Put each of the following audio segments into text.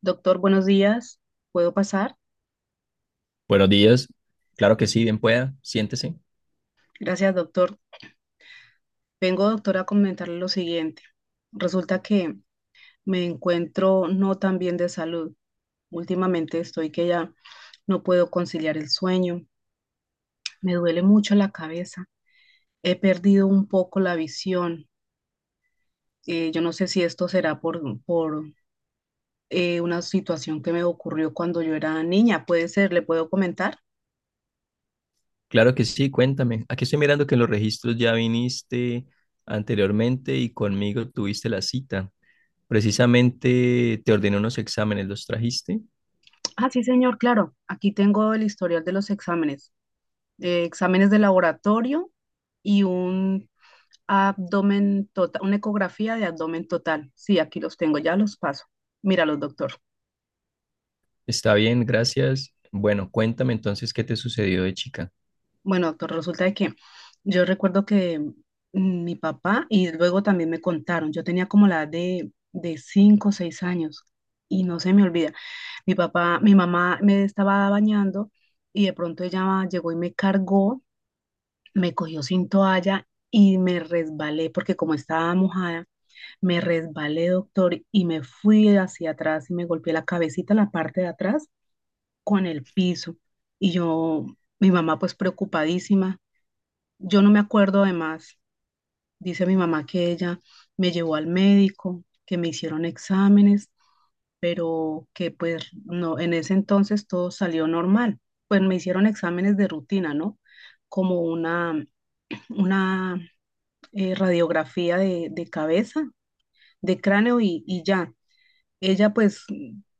Doctor, buenos días. ¿Puedo pasar? Buenos días. Claro que sí, bien pueda. Siéntese. Gracias, doctor. Vengo, doctor, a comentarle lo siguiente. Resulta que me encuentro no tan bien de salud. Últimamente estoy que ya no puedo conciliar el sueño. Me duele mucho la cabeza. He perdido un poco la visión. Yo no sé si esto será por una situación que me ocurrió cuando yo era niña. ¿Puede ser? ¿Le puedo comentar? Claro que sí, cuéntame. Aquí estoy mirando que en los registros ya viniste anteriormente y conmigo tuviste la cita. Precisamente te ordené unos exámenes, ¿los trajiste? Ah, sí, señor, claro. Aquí tengo el historial de los exámenes, exámenes de laboratorio y un abdomen total, una ecografía de abdomen total. Sí, aquí los tengo, ya los paso. Míralos, doctor. Está bien, gracias. Bueno, cuéntame entonces qué te sucedió de chica. Bueno, doctor, resulta de que yo recuerdo que mi papá, y luego también me contaron, yo tenía como la edad de 5 o 6 años y no se me olvida. Mi papá, mi mamá me estaba bañando y de pronto ella llegó y me cargó, me cogió sin toalla y me resbalé porque como estaba mojada, me resbalé, doctor, y me fui hacia atrás y me golpeé la cabecita, la parte de atrás, con el piso. Y yo, mi mamá pues preocupadísima. Yo no me acuerdo además, dice mi mamá que ella me llevó al médico, que me hicieron exámenes, pero que pues no, en ese entonces todo salió normal. Pues me hicieron exámenes de rutina, ¿no? Como una radiografía de cabeza, de cráneo y ya ella pues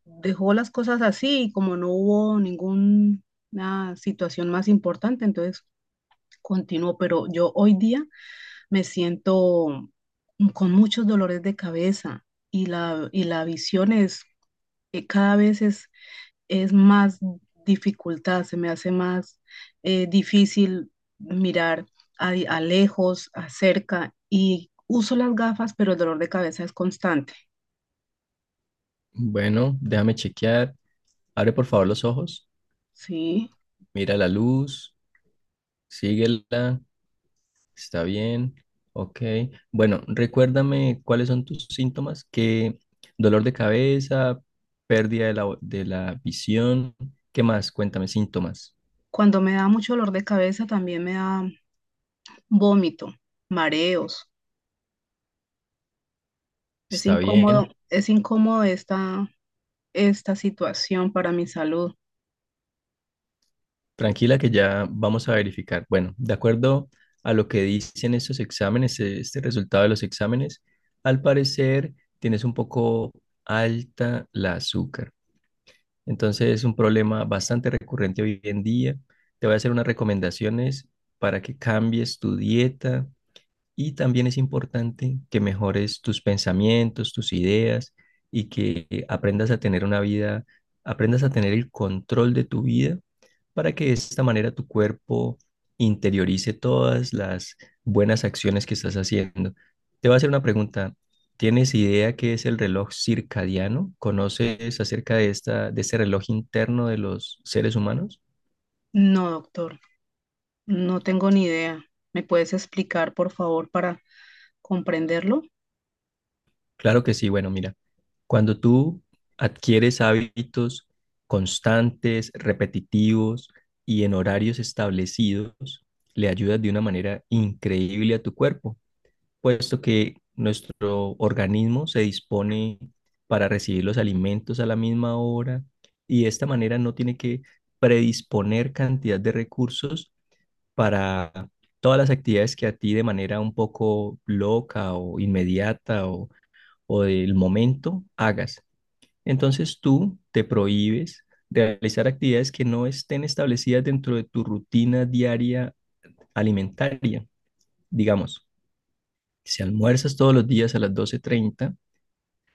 dejó las cosas así y como no hubo ninguna situación más importante, entonces continuó, pero yo hoy día me siento con muchos dolores de cabeza y la, visión es, cada vez es más dificultad, se me hace más difícil mirar a lejos, a cerca, y uso las gafas, pero el dolor de cabeza es constante, Bueno, déjame chequear. Abre por favor los ojos. ¿sí? Mira la luz, síguela, está bien, ok. Bueno, recuérdame cuáles son tus síntomas, que dolor de cabeza, pérdida de la, de la visión, ¿qué más? Cuéntame síntomas. Cuando me da mucho dolor de cabeza, también me da vómito, mareos. Está bien, Es incómodo esta situación para mi salud. tranquila que ya vamos a verificar. Bueno, de acuerdo a lo que dicen estos exámenes, este resultado de los exámenes, al parecer tienes un poco alta la azúcar. Entonces es un problema bastante recurrente hoy en día. Te voy a hacer unas recomendaciones para que cambies tu dieta, y también es importante que mejores tus pensamientos, tus ideas y que aprendas a tener una vida, aprendas a tener el control de tu vida para que de esta manera tu cuerpo interiorice todas las buenas acciones que estás haciendo. Te voy a hacer una pregunta. ¿Tienes idea qué es el reloj circadiano? ¿Conoces acerca de esta, de este reloj interno de los seres humanos? No, doctor, no tengo ni idea. ¿Me puedes explicar, por favor, para comprenderlo? Claro que sí. Bueno, mira, cuando tú adquieres hábitos constantes, repetitivos y en horarios establecidos, le ayudas de una manera increíble a tu cuerpo, puesto que nuestro organismo se dispone para recibir los alimentos a la misma hora y de esta manera no tiene que predisponer cantidad de recursos para todas las actividades que a ti de manera un poco loca o inmediata o del momento hagas. Entonces tú te prohíbes de realizar actividades que no estén establecidas dentro de tu rutina diaria alimentaria. Digamos, si almuerzas todos los días a las 12:30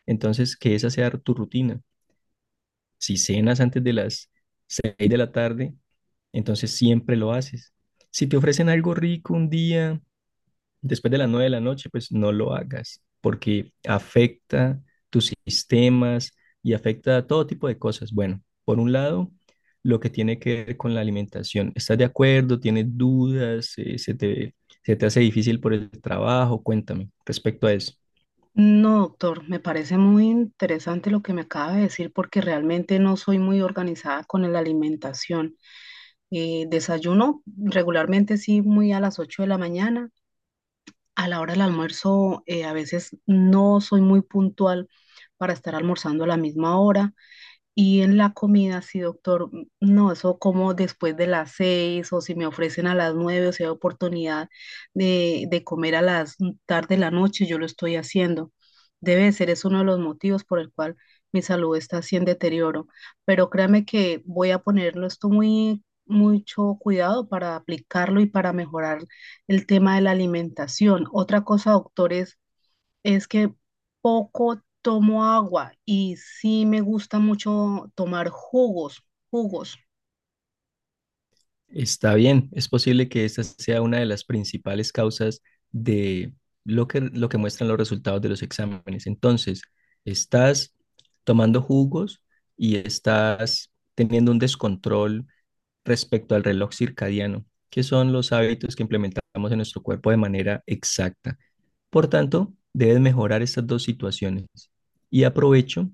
entonces que esa sea tu rutina. Si cenas antes de las 6 de la tarde, entonces siempre lo haces. Si te ofrecen algo rico un día después de las 9 de la noche, pues no lo hagas, porque afecta tus sistemas y afecta todo tipo de cosas. Bueno, por un lado, lo que tiene que ver con la alimentación. ¿Estás de acuerdo? ¿Tienes dudas? ¿Se te hace difícil por el trabajo? Cuéntame respecto a eso. No, doctor, me parece muy interesante lo que me acaba de decir porque realmente no soy muy organizada con la alimentación. Desayuno regularmente sí muy a las 8 de la mañana. A la hora del almuerzo, a veces no soy muy puntual para estar almorzando a la misma hora. Y en la comida, sí, doctor, no, eso como después de las 6, o si me ofrecen a las 9, o si hay oportunidad de comer a las tarde de la noche, yo lo estoy haciendo. Debe de ser, es uno de los motivos por el cual mi salud está así en deterioro. Pero créame que voy a ponerlo esto muy, mucho cuidado para aplicarlo y para mejorar el tema de la alimentación. Otra cosa, doctor, es que poco tomo agua y sí me gusta mucho tomar jugos, jugos. Está bien, es posible que esta sea una de las principales causas de lo que muestran los resultados de los exámenes. Entonces, estás tomando jugos y estás teniendo un descontrol respecto al reloj circadiano, que son los hábitos que implementamos en nuestro cuerpo de manera exacta. Por tanto, debes mejorar estas dos situaciones. Y aprovecho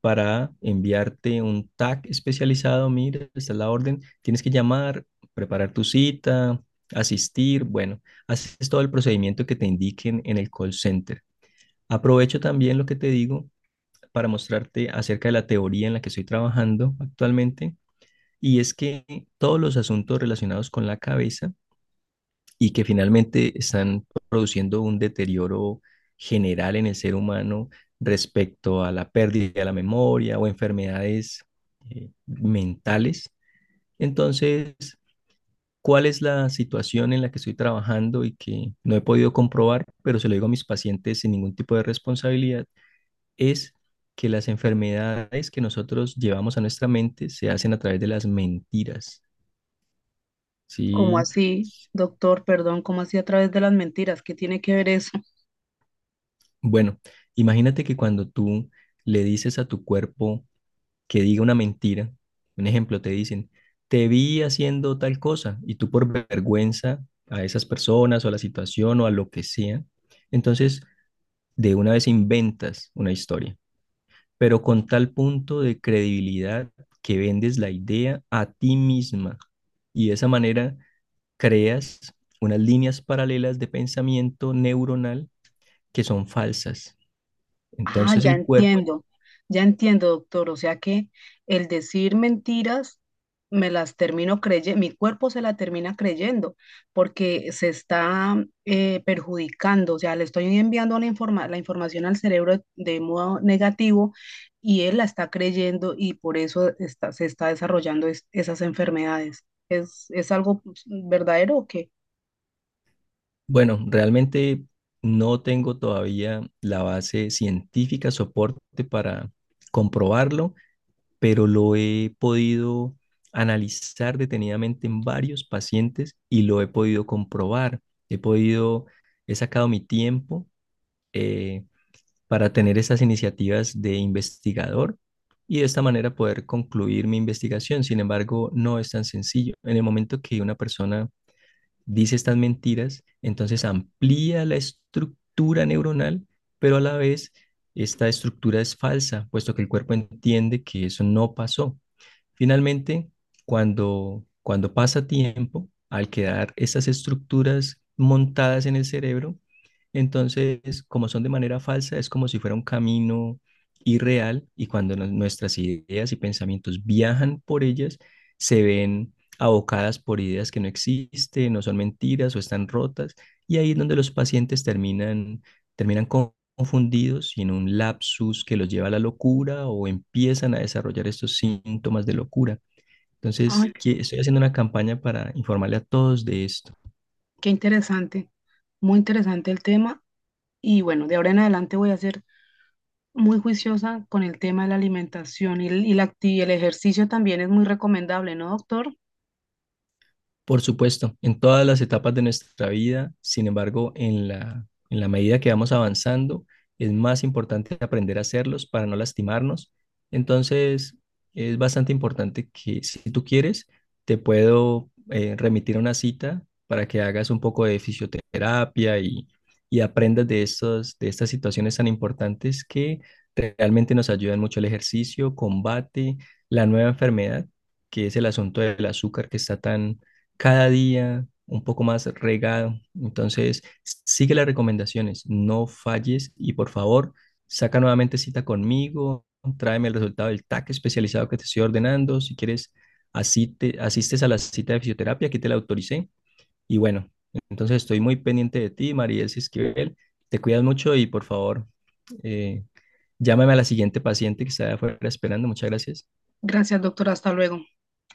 para enviarte un tag especializado, mira, esta es la orden, tienes que llamar, preparar tu cita, asistir, bueno, haces todo el procedimiento que te indiquen en el call center. Aprovecho también lo que te digo para mostrarte acerca de la teoría en la que estoy trabajando actualmente, y es que todos los asuntos relacionados con la cabeza y que finalmente están produciendo un deterioro general en el ser humano respecto a la pérdida de la memoria o enfermedades mentales. Entonces, ¿cuál es la situación en la que estoy trabajando y que no he podido comprobar, pero se lo digo a mis pacientes sin ningún tipo de responsabilidad? Es que las enfermedades que nosotros llevamos a nuestra mente se hacen a través de las mentiras, ¿Cómo ¿sí? así, doctor? Perdón, ¿cómo así a través de las mentiras? ¿Qué tiene que ver eso? Bueno, imagínate que cuando tú le dices a tu cuerpo que diga una mentira, un ejemplo, te dicen, te vi haciendo tal cosa, y tú por vergüenza a esas personas o a la situación o a lo que sea, entonces de una vez inventas una historia, pero con tal punto de credibilidad que vendes la idea a ti misma y de esa manera creas unas líneas paralelas de pensamiento neuronal que son falsas. Ah, Entonces ya. el Bueno, cuerpo. entiendo, ya entiendo, doctor. O sea que el decir mentiras, me las termino creyendo, mi cuerpo se la termina creyendo porque se está perjudicando. O sea, le estoy enviando la la información al cerebro de modo negativo y él la está creyendo y por eso se está desarrollando esas enfermedades. ¿Es algo pues, verdadero o qué? Bueno, realmente no tengo todavía la base científica, soporte para comprobarlo, pero lo he podido analizar detenidamente en varios pacientes y lo he podido comprobar. He podido, he sacado mi tiempo eh, para tener esas iniciativas de investigador y de esta manera poder concluir mi investigación. Sin embargo, no es tan sencillo. En el momento que una persona dice estas mentiras, entonces amplía la estructura neuronal, pero a la vez esta estructura es falsa, puesto que el cuerpo entiende que eso no pasó. Finalmente, cuando pasa tiempo, al quedar esas estructuras montadas en el cerebro, entonces, como son de manera falsa, es como si fuera un camino irreal y cuando nuestras ideas y pensamientos viajan por ellas, se ven abocadas por ideas que no existen, no son mentiras o están rotas, y ahí es donde los pacientes terminan, terminan con- confundidos y en un lapsus que los lleva a la locura o empiezan a desarrollar estos síntomas de locura. Ay, Entonces, estoy haciendo una campaña para informarle a todos de esto. qué interesante, muy interesante el tema. Y bueno, de ahora en adelante voy a hacer muy juiciosa con el tema de la alimentación y el ejercicio también es muy recomendable, ¿no, doctor? Por supuesto, en todas las etapas de nuestra vida, sin embargo, en la medida que vamos avanzando, es más importante aprender a hacerlos para no lastimarnos. Entonces, es bastante importante que si tú quieres, te puedo remitir a una cita para que hagas un poco de fisioterapia y aprendas de estas situaciones tan importantes que realmente nos ayudan mucho el ejercicio, combate, la nueva enfermedad, que es el asunto del azúcar que está tan cada día un poco más regado. Entonces, sigue las recomendaciones, no falles y por favor, saca nuevamente cita conmigo, tráeme el resultado del TAC especializado que te estoy ordenando. Si quieres, asistes a la cita de fisioterapia, aquí te la autoricé. Y bueno, entonces estoy muy pendiente de ti, Mariel Esquivel. Te cuidas mucho y por favor, eh, llámame a la siguiente paciente que está afuera esperando. Muchas gracias. Gracias, doctor. Hasta luego.